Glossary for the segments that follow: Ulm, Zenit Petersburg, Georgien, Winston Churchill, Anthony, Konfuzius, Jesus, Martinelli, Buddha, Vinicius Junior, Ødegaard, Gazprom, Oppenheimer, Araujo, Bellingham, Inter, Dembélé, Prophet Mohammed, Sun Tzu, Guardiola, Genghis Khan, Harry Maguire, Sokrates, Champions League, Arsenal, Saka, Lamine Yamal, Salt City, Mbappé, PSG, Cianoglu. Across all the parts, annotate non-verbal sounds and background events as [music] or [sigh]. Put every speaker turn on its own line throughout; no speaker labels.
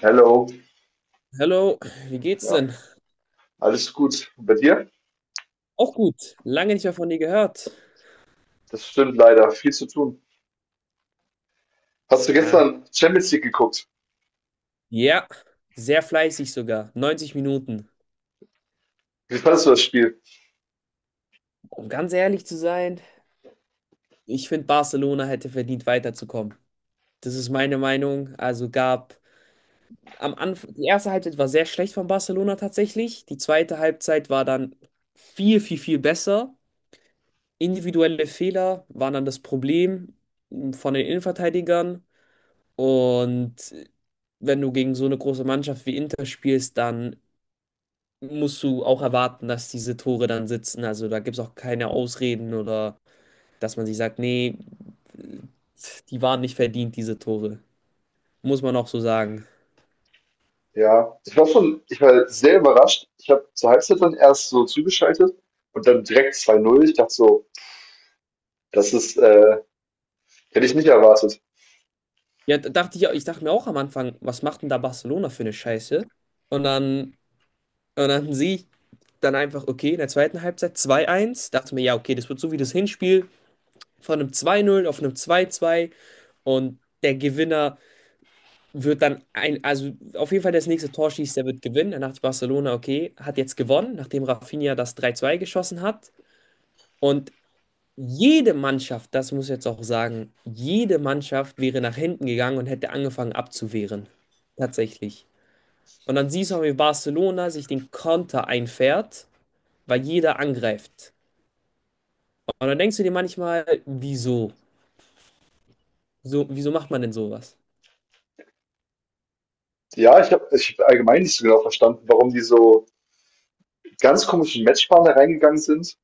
Hello.
Hallo, wie geht's
Ja,
denn?
alles gut. Und bei dir?
Auch gut, lange nicht mehr von dir gehört.
Das stimmt leider. Viel zu tun. Hast du
Ja.
gestern Champions League geguckt?
Ja, sehr fleißig sogar, 90 Minuten.
Wie fandest du das Spiel?
Um ganz ehrlich zu sein, ich finde, Barcelona hätte verdient weiterzukommen. Das ist meine Meinung. Also gab am Anfang, die erste Halbzeit war sehr schlecht von Barcelona tatsächlich. Die zweite Halbzeit war dann viel, viel, viel besser. Individuelle Fehler waren dann das Problem von den Innenverteidigern. Und wenn du gegen so eine große Mannschaft wie Inter spielst, dann musst du auch erwarten, dass diese Tore dann sitzen. Also da gibt es auch keine Ausreden oder dass man sich sagt, nee, die waren nicht verdient, diese Tore. Muss man auch so sagen.
Ja, ich war sehr überrascht. Ich habe zur Halbzeit dann erst so zugeschaltet und dann direkt 2-0. Ich dachte so, das ist, äh, hätte ich nicht erwartet.
Ja, da dachte ich, ich dachte mir auch am Anfang, was macht denn da Barcelona für eine Scheiße? Und dann, und dann sehe ich dann einfach, okay, in der zweiten Halbzeit 2-1 dachte mir, ja, okay, das wird so wie das Hinspiel von einem 2-0 auf einem 2-2 und der Gewinner wird dann also auf jeden Fall das nächste Tor schießt, der wird gewinnen. Dann dachte Barcelona, okay, hat jetzt gewonnen, nachdem Rafinha das 3-2 geschossen hat. Und jede Mannschaft, das muss ich jetzt auch sagen, jede Mannschaft wäre nach hinten gegangen und hätte angefangen abzuwehren. Tatsächlich. Und dann siehst du auch, wie Barcelona sich den Konter einfährt, weil jeder angreift. Und dann denkst du dir manchmal, wieso? So, wieso macht man denn sowas?
Ja, ich hab allgemein nicht so genau verstanden, warum die so mit ganz komischen Matchplan da reingegangen sind.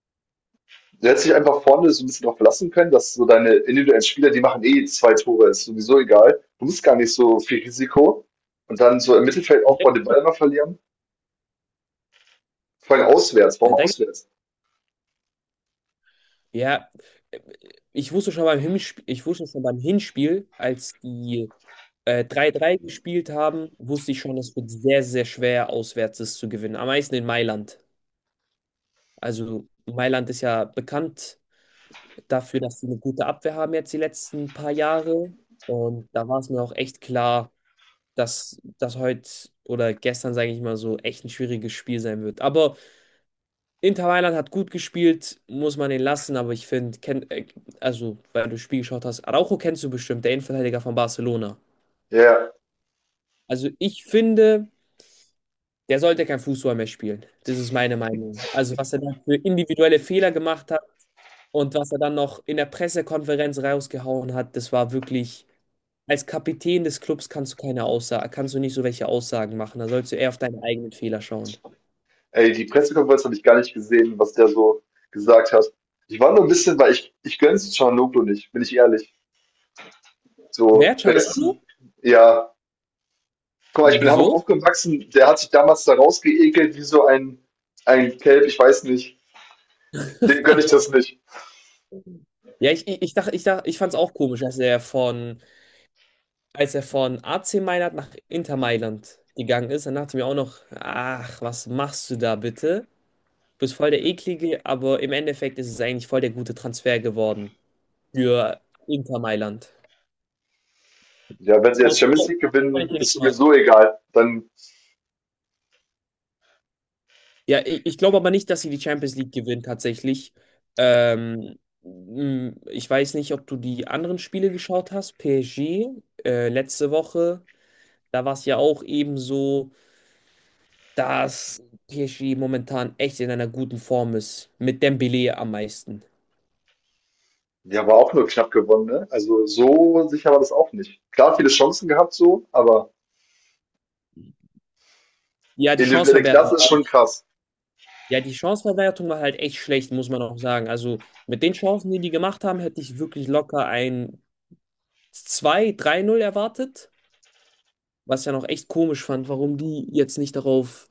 Du hättest dich einfach vorne so ein bisschen drauf verlassen können, dass so deine individuellen Spieler, die machen eh zwei Tore, ist sowieso egal. Du musst gar nicht so viel Risiko. Und dann so im Mittelfeld aufbauen, den Ball immer verlieren. Vor allem auswärts. Warum
Da gibt
auswärts?
Ja, ich wusste schon beim Hinspiel, ich wusste schon beim Hinspiel, als die 3-3 gespielt haben, wusste ich schon, es wird sehr, sehr schwer, auswärts es zu gewinnen. Am meisten in Mailand. Also Mailand ist ja bekannt dafür, dass sie eine gute Abwehr haben jetzt die letzten paar Jahre. Und da war es mir auch echt klar, dass das heute oder gestern, sage ich mal so, echt ein schwieriges Spiel sein wird. Aber Inter Mailand hat gut gespielt, muss man den lassen, aber ich finde, also, weil du das Spiel geschaut hast, Araujo kennst du bestimmt, der Innenverteidiger von Barcelona.
Ja, ja.
Also, ich finde, der sollte kein Fußball mehr spielen. Das ist meine Meinung. Also, was er da für individuelle Fehler gemacht hat und was er dann noch in der Pressekonferenz rausgehauen hat, das war wirklich, als Kapitän des Clubs kannst du keine Aussage, kannst du nicht so welche Aussagen machen. Da sollst du eher auf deine eigenen Fehler schauen.
Ey, die Pressekonferenz habe ich gar nicht gesehen, was der so gesagt hat. Ich war nur ein bisschen, weil ich gönn's Cianoglu nicht, bin ich ehrlich. So,
Wer?
besten,
Canolo?
ja. Guck mal, ich bin in Hamburg
Wieso?
aufgewachsen, der hat sich damals da rausgeekelt wie so ein Kelb, ich weiß nicht. Dem gönn ich das nicht.
Ja, ich fand es auch komisch, dass er von, als er von AC Mailand nach Inter Mailand gegangen ist, dann dachte ich mir auch noch, ach, was machst du da bitte? Du bist voll der Eklige, aber im Endeffekt ist es eigentlich voll der gute Transfer geworden für Inter Mailand.
Ja, wenn sie jetzt
Auch,
Champions
auch
League
wenn ich
gewinnen,
ihn
ist
nicht mag.
sowieso egal. Dann,
Ja, ich glaube aber nicht, dass sie die Champions League gewinnen tatsächlich. Ich weiß nicht, ob du die anderen Spiele geschaut hast. PSG, letzte Woche. Da war es ja auch eben so, dass PSG momentan echt in einer guten Form ist. Mit Dembélé am meisten.
die haben wir auch nur knapp gewonnen, ne? Also so sicher war das auch nicht. Klar, viele Chancen gehabt so, aber
Ja, die
individuelle Klasse
Chanceverwertung
ist
war, halt,
schon krass.
ja, die Chanceverwertung war halt echt schlecht, muss man auch sagen. Also mit den Chancen, die die gemacht haben, hätte ich wirklich locker ein zwei drei null erwartet. Was ich ja noch echt komisch fand, warum die jetzt nicht darauf,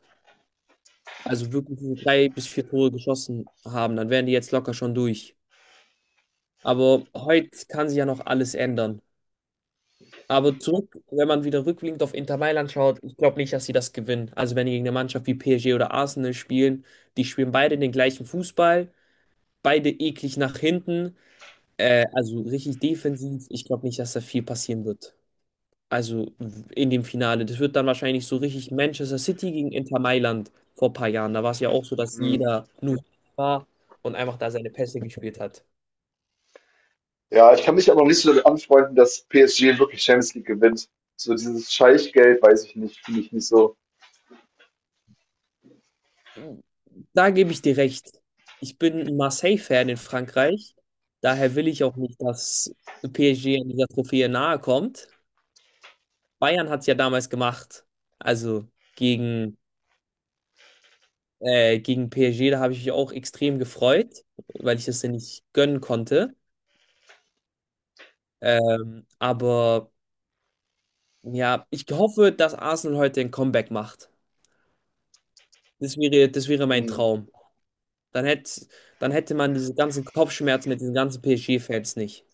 also wirklich diese drei bis vier Tore geschossen haben. Dann wären die jetzt locker schon durch. Aber heute kann sich ja noch alles ändern. Aber zurück, wenn man wieder rückblickend auf Inter Mailand schaut, ich glaube nicht, dass sie das gewinnen. Also wenn die gegen eine Mannschaft wie PSG oder Arsenal spielen, die spielen beide den gleichen Fußball, beide eklig nach hinten, also richtig defensiv. Ich glaube nicht, dass da viel passieren wird. Also in dem Finale. Das wird dann wahrscheinlich so richtig Manchester City gegen Inter Mailand vor ein paar Jahren. Da war es ja auch so, dass
Hm.
jeder nur war und einfach da seine Pässe gespielt hat.
Ja, ich kann mich aber noch nicht so damit anfreunden, dass PSG wirklich Champions League gewinnt. So dieses Scheichgeld, weiß ich nicht, finde ich nicht so.
Da gebe ich dir recht. Ich bin ein Marseille-Fan in Frankreich. Daher will ich auch nicht, dass PSG an dieser Trophäe nahe kommt. Bayern hat es ja damals gemacht. Also gegen, gegen PSG, da habe ich mich auch extrem gefreut, weil ich es denn nicht gönnen konnte. Aber ja, ich hoffe, dass Arsenal heute ein Comeback macht. Das wäre mein
Hm.
Traum. Dann hätte, dann hätte man diese ganzen Kopfschmerzen mit diesen ganzen PSG-Fans nicht.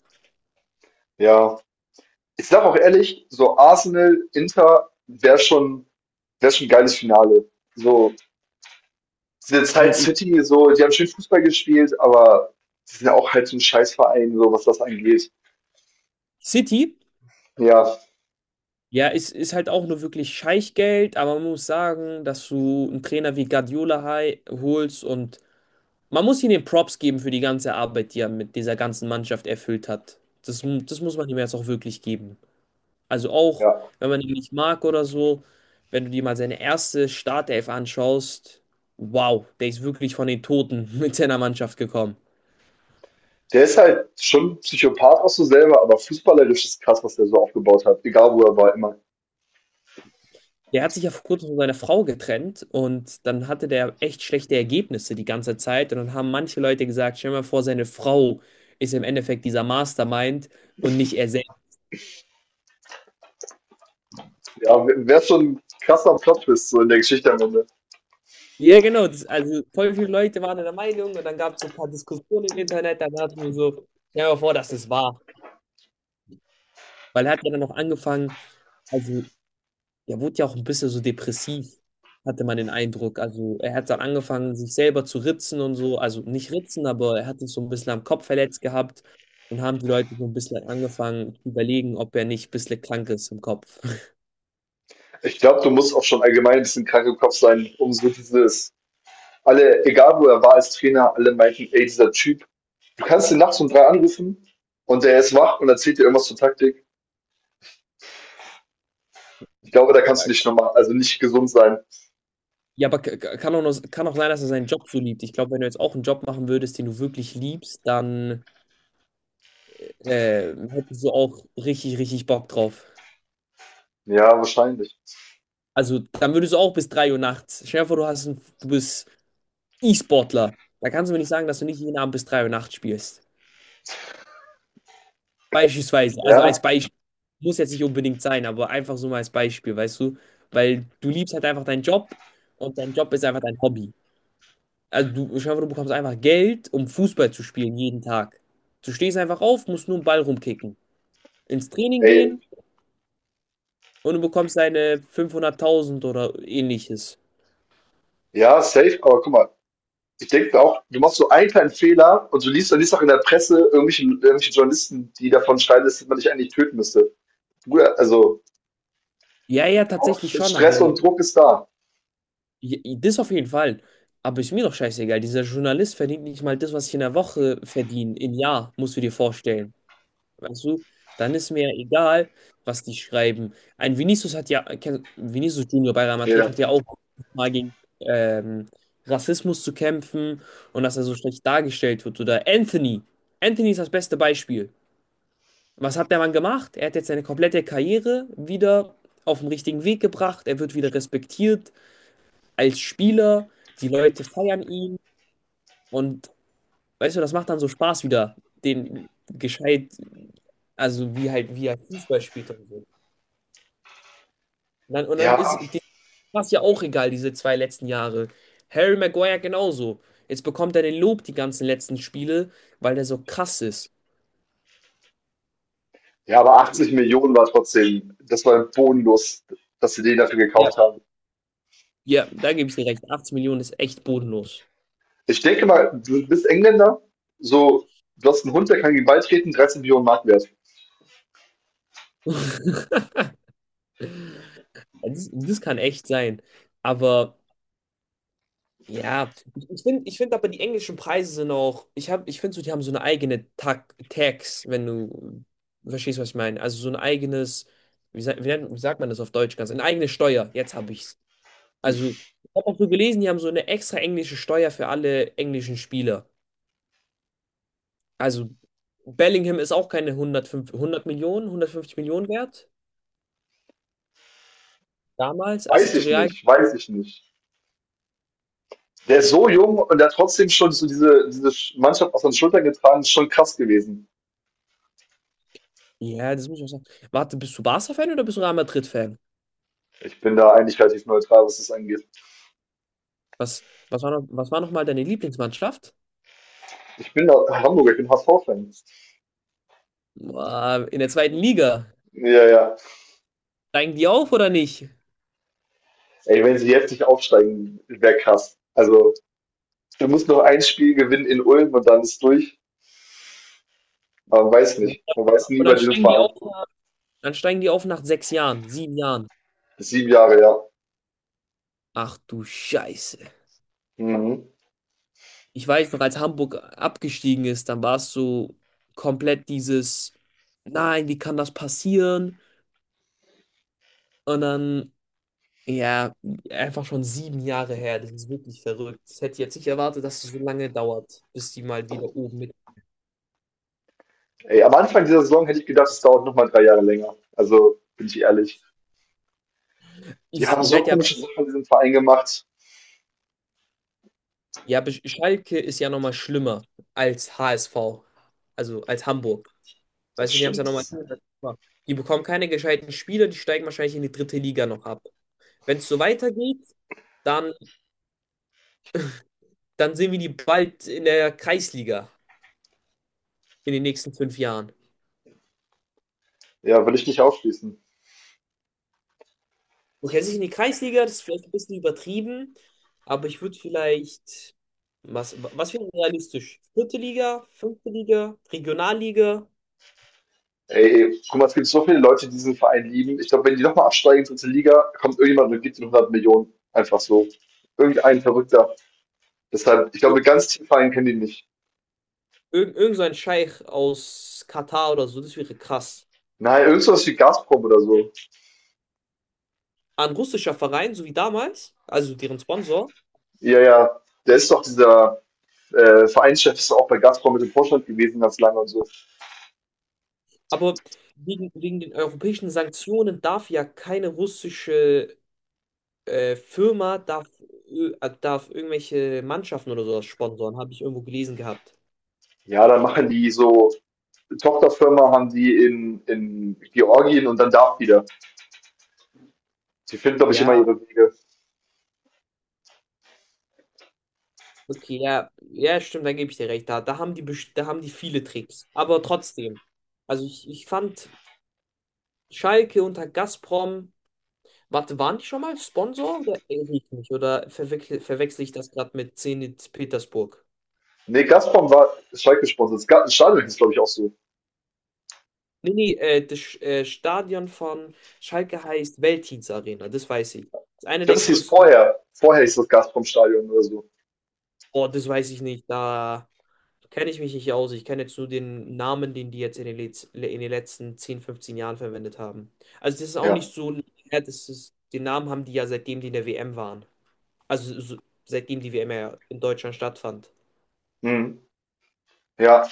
Ja, ich sag auch ehrlich, so Arsenal, Inter wär schon ein geiles Finale. So, Salt
Wir- wir-
City, so, die haben schön Fußball gespielt, aber die sind ja auch halt so ein Scheißverein, so was das angeht.
City
Ja,
Ja, es ist halt auch nur wirklich Scheichgeld, aber man muss sagen, dass du einen Trainer wie Guardiola holst und man muss ihm den Props geben für die ganze Arbeit, die er mit dieser ganzen Mannschaft erfüllt hat. Das muss man ihm jetzt auch wirklich geben. Also auch,
ja.
wenn man ihn nicht mag oder so, wenn du dir mal seine erste Startelf anschaust, wow, der ist wirklich von den Toten [laughs] mit seiner Mannschaft gekommen.
Der ist halt schon Psychopath auch so selber, aber fußballerisch ist krass, was der so aufgebaut hat. Egal wo er war, immer.
Der hat sich ja vor kurzem von seiner Frau getrennt und dann hatte der echt schlechte Ergebnisse die ganze Zeit. Und dann haben manche Leute gesagt, stell dir mal vor, seine Frau ist im Endeffekt dieser Mastermind und nicht er selbst.
Ja, wäre schon ein krasser Plot-Twist so in der Geschichte am Ende.
Ja, genau. Also voll viele Leute waren der Meinung und dann gab es so ein paar Diskussionen im Internet. Da dachten wir so, stell dir mal vor, das ist wahr. Weil er hat ja dann noch angefangen, also er wurde ja auch ein bisschen so depressiv, hatte man den Eindruck. Also er hat dann angefangen, sich selber zu ritzen und so. Also nicht ritzen, aber er hat sich so ein bisschen am Kopf verletzt gehabt. Und haben die Leute so ein bisschen angefangen zu überlegen, ob er nicht ein bisschen krank ist im Kopf. [laughs]
Ich glaube, du musst auch schon allgemein ein bisschen krank im Kopf sein, um so dieses. Alle, egal wo er war als Trainer, alle meinten, ey, dieser Typ, du kannst ihn nachts um 3 anrufen und der ist wach und erzählt dir irgendwas zur Taktik. Ich glaube, da kannst du
Ja,
nicht normal, also nicht gesund sein.
ja, aber kann auch sein, dass er seinen Job so liebt. Ich glaube, wenn du jetzt auch einen Job machen würdest, den du wirklich liebst, dann hättest du auch richtig, richtig Bock drauf.
Ja, wahrscheinlich.
Also dann würdest du auch bis 3 Uhr nachts. Stell dir vor, du bist E-Sportler. Da kannst du mir nicht sagen, dass du nicht jeden Abend bis 3 Uhr nachts spielst. Beispielsweise. Also als
Ja,
Beispiel. Muss jetzt nicht unbedingt sein, aber einfach so mal als Beispiel, weißt du? Weil du liebst halt einfach deinen Job und dein Job ist einfach dein Hobby. Also du, schau, hoffe, du bekommst einfach Geld, um Fußball zu spielen jeden Tag. Du stehst einfach auf, musst nur einen Ball rumkicken. Ins Training
ey,
gehen und du bekommst deine 500.000 oder ähnliches.
ja, safe, aber guck mal, ich denke auch, du machst so einen kleinen Fehler und du liest, auch in der Presse irgendwelche Journalisten, die davon schreiben, dass man dich eigentlich töten müsste. Bruder, also
Ja, ja,
auch
tatsächlich schon,
Stress
aber
und Druck ist da.
ja, das auf jeden Fall. Aber ist mir doch scheißegal. Dieser Journalist verdient nicht mal das, was ich in der Woche verdiene. Im Jahr, musst du dir vorstellen. Weißt du? Dann ist mir ja egal, was die schreiben. Ein Vinicius hat ja, kenn- Vinicius Junior bei Real Madrid
Ja,
hat ja auch mal gegen ähm, Rassismus zu kämpfen und dass er so schlecht dargestellt wird. Oder Anthony. Anthony ist das beste Beispiel. Was hat der Mann gemacht? Er hat jetzt seine komplette Karriere wieder auf den richtigen Weg gebracht. Er wird wieder respektiert als Spieler, die Leute feiern ihn und weißt du, das macht dann so Spaß wieder, den gescheit, also wie halt, wie er Fußball spielt und so. Und dann
ja,
ist dem Spaß ja auch egal, diese zwei letzten Jahre. Harry Maguire genauso. Jetzt bekommt er den Lob die ganzen letzten Spiele, weil der so krass ist.
ja, aber 80 Millionen war trotzdem, das war bodenlos, dass sie den dafür
Ja,
gekauft haben.
ja, da gebe ich dir recht. 80 Millionen ist echt bodenlos.
Ich denke mal, du bist Engländer, so, du hast einen Hund, der kann gegen den Ball treten, 13 Millionen Mark wert.
[laughs] Das kann echt sein. Aber ja, ich find aber die englischen Preise sind auch, ich finde so, die haben so eine eigene Tags, wenn du verstehst, was ich meine. Also so ein eigenes, wie, sa- wie, nennt- wie sagt man das auf Deutsch ganz? Eine eigene Steuer, jetzt habe ich's. Also, ich habe auch so gelesen, die haben so eine extra englische Steuer für alle englischen Spieler. Also, Bellingham ist auch keine 105, 100 Millionen, 150 Millionen wert, damals, als er
Weiß
zu
ich
Real.
nicht, weiß ich nicht. Der ist so jung und der hat trotzdem schon so diese Mannschaft auf seinen Schultern getragen, ist schon krass gewesen.
Ja, das muss ich auch sagen. Warte, bist du Barca-Fan oder bist du Real Madrid-Fan?
Ich bin da eigentlich relativ neutral, was das angeht.
Was, was was war noch mal deine Lieblingsmannschaft?
Ich bin da Hamburger, ich bin HSV-Fan.
Boah, in der zweiten Liga.
Ja, ja.
Steigen die auf oder nicht?
Ey, wenn sie jetzt nicht aufsteigen, wäre krass. Also, du musst noch ein Spiel gewinnen in Ulm und dann ist durch. Aber man weiß
Und
nicht. Man weiß nie bei
dann
diesem
steigen die
Verein.
auf, dann steigen die auf nach 6 Jahren, 7 Jahren.
7 Jahre, ja.
Ach du Scheiße.
Mhm.
Ich weiß noch, als Hamburg abgestiegen ist, dann war es so komplett dieses, nein, wie kann das passieren? Und dann, ja, einfach schon 7 Jahre her. Das ist wirklich verrückt. Das hätte ich jetzt nicht erwartet, dass es so lange dauert, bis die mal wieder oben mit.
Ey, am Anfang dieser Saison hätte ich gedacht, es dauert nochmal 3 Jahre länger. Also, bin ich ehrlich.
Ihr
Die haben
ihr
so
seid ja
komische Sachen in diesem Verein gemacht.
Ja, Be- Schalke ist ja nochmal schlimmer als HSV, also als Hamburg. Weißt
Das
du, die haben es ja
stimmt.
nochmal.
Das,
Die bekommen keine gescheiten Spieler, die steigen wahrscheinlich in die dritte Liga noch ab. Wenn es so weitergeht, dann, dann sehen wir die bald in der Kreisliga in den nächsten 5 Jahren.
ja, will ich nicht ausschließen.
Okay, sich in die Kreisliga, das ist vielleicht ein bisschen übertrieben, aber ich würde vielleicht, was wäre realistisch? Vierte Liga, fünfte Liga, Regionalliga,
Ey, guck mal, es gibt so viele Leute, die diesen Verein lieben. Ich glaube, wenn die nochmal absteigen in die dritte Liga, kommt irgendjemand und gibt ihnen 100 Millionen. Einfach so. Irgendein Verrückter. Deshalb, ich
ir
glaube, ganz tief Verein kennen die nicht.
irgend so ein Scheich aus Katar oder so, das wäre krass.
Nein, irgendwas wie Gazprom oder so.
An russischer Verein, so wie damals, also deren Sponsor.
Ja, ja. Der ist doch dieser Vereinschef, ist doch auch bei Gazprom mit dem Vorstand gewesen, ganz lange und so.
Aber wegen den europäischen Sanktionen darf ja keine russische Firma, darf irgendwelche Mannschaften oder sowas sponsoren, habe ich irgendwo gelesen gehabt.
Ja, dann machen die so eine Tochterfirma, haben die in Georgien und dann darf wieder. Die finden, glaube ich, immer
Ja,
ihre Wege.
okay, ja, ja, stimmt, dann gebe ich dir recht. Da haben die, da haben die viele Tricks. Aber trotzdem, also ich fand Schalke unter Gazprom, warte, waren die schon mal Sponsor oder erinnere ich mich? Oder verwechsel ich das gerade mit Zenit Petersburg?
Nee, Gazprom war Schalke-Sponsor. Das Stadion ist, glaube ich, auch so.
Nee, nee, das Stadion von Schalke heißt Veltins Arena, das weiß ich. Das ist
Ich
einer der
glaube, das hieß
größten.
vorher. Vorher hieß das Gazprom-Stadion oder so.
Oh, das weiß ich nicht. Da kenne ich mich nicht aus. Ich kenne jetzt nur den Namen, den die jetzt in den letzten 10, 15 Jahren verwendet haben. Also das ist auch
Ja.
nicht so lange her, das ist, den Namen haben die ja seitdem die in der WM waren. Also so, seitdem die WM ja in Deutschland stattfand.
Mhm. Ja.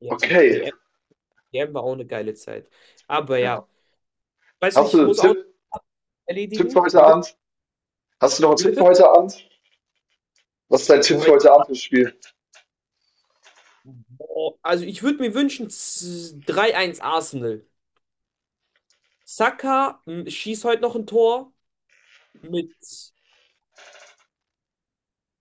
Ja,
Okay.
WM, WM war auch eine geile Zeit. Aber ja,
Ja.
weißt du,
Hast du
ich
einen
muss auch
Tipp,
noch
Tipp für
erledigen.
heute
Wie bitte?
Abend? Hast du noch einen
Wie
Tipp
bitte?
für heute Abend? Was ist dein Tipp
Boah,
für heute Abend fürs Spiel?
boah, also ich würde mir wünschen 3-1 Arsenal. Saka schießt heute noch ein Tor mit,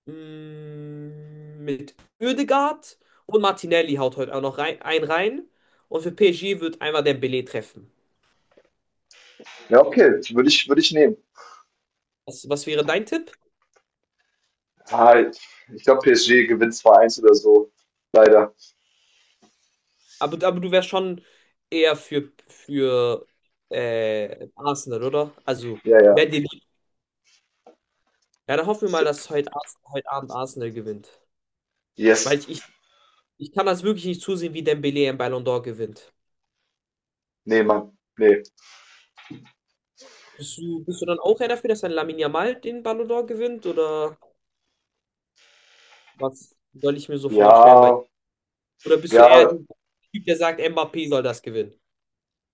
mit Ødegaard und Martinelli haut heute auch noch rein, einen rein. Und für PSG wird einmal Dembélé treffen.
Ja, okay. Würde ich nehmen.
Was wäre dein Tipp?
Ah, ich glaube, PSG gewinnt 2-1 oder so. Leider.
Aber du wärst schon eher für Arsenal, oder? Also,
Ja,
wer
ja.
dir lieb. Ja, dann hoffen wir mal, dass heute Abend Arsenal gewinnt.
Yes.
Weil ich, Ich kann das wirklich nicht zusehen, wie Dembélé einen Ballon d'Or gewinnt.
Nee, Mann. Nee.
Bist du dann auch eher dafür, dass ein Lamine Yamal den Ballon d'Or gewinnt? Oder was soll ich mir so
Ja,
vorstellen bei dir? Oder bist du eher
ja.
der Typ, der sagt, Mbappé soll das gewinnen?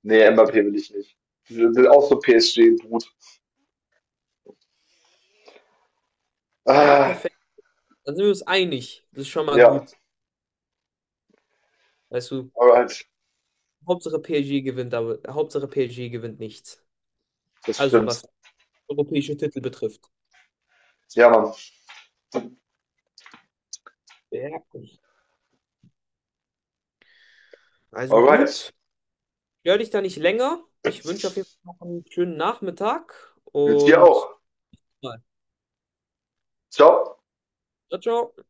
Nee, Mbappé will ich nicht. Ich will auch so PSG-Brut.
Ja,
Ah,
perfekt. Dann sind wir uns einig. Das ist schon mal
ja,
gut. Weißt du,
alright.
Hauptsache PSG gewinnt, aber Hauptsache PSG gewinnt nichts.
Das
Also
stimmt.
was europäische Titel betrifft.
Ja, Mann.
Ja. Also
Alright.
gut. Stör dich da nicht länger. Ich wünsche auf jeden Fall noch einen schönen Nachmittag
Jetzt hier
und bis
auch.
bald.
Stop!
Ciao, ciao.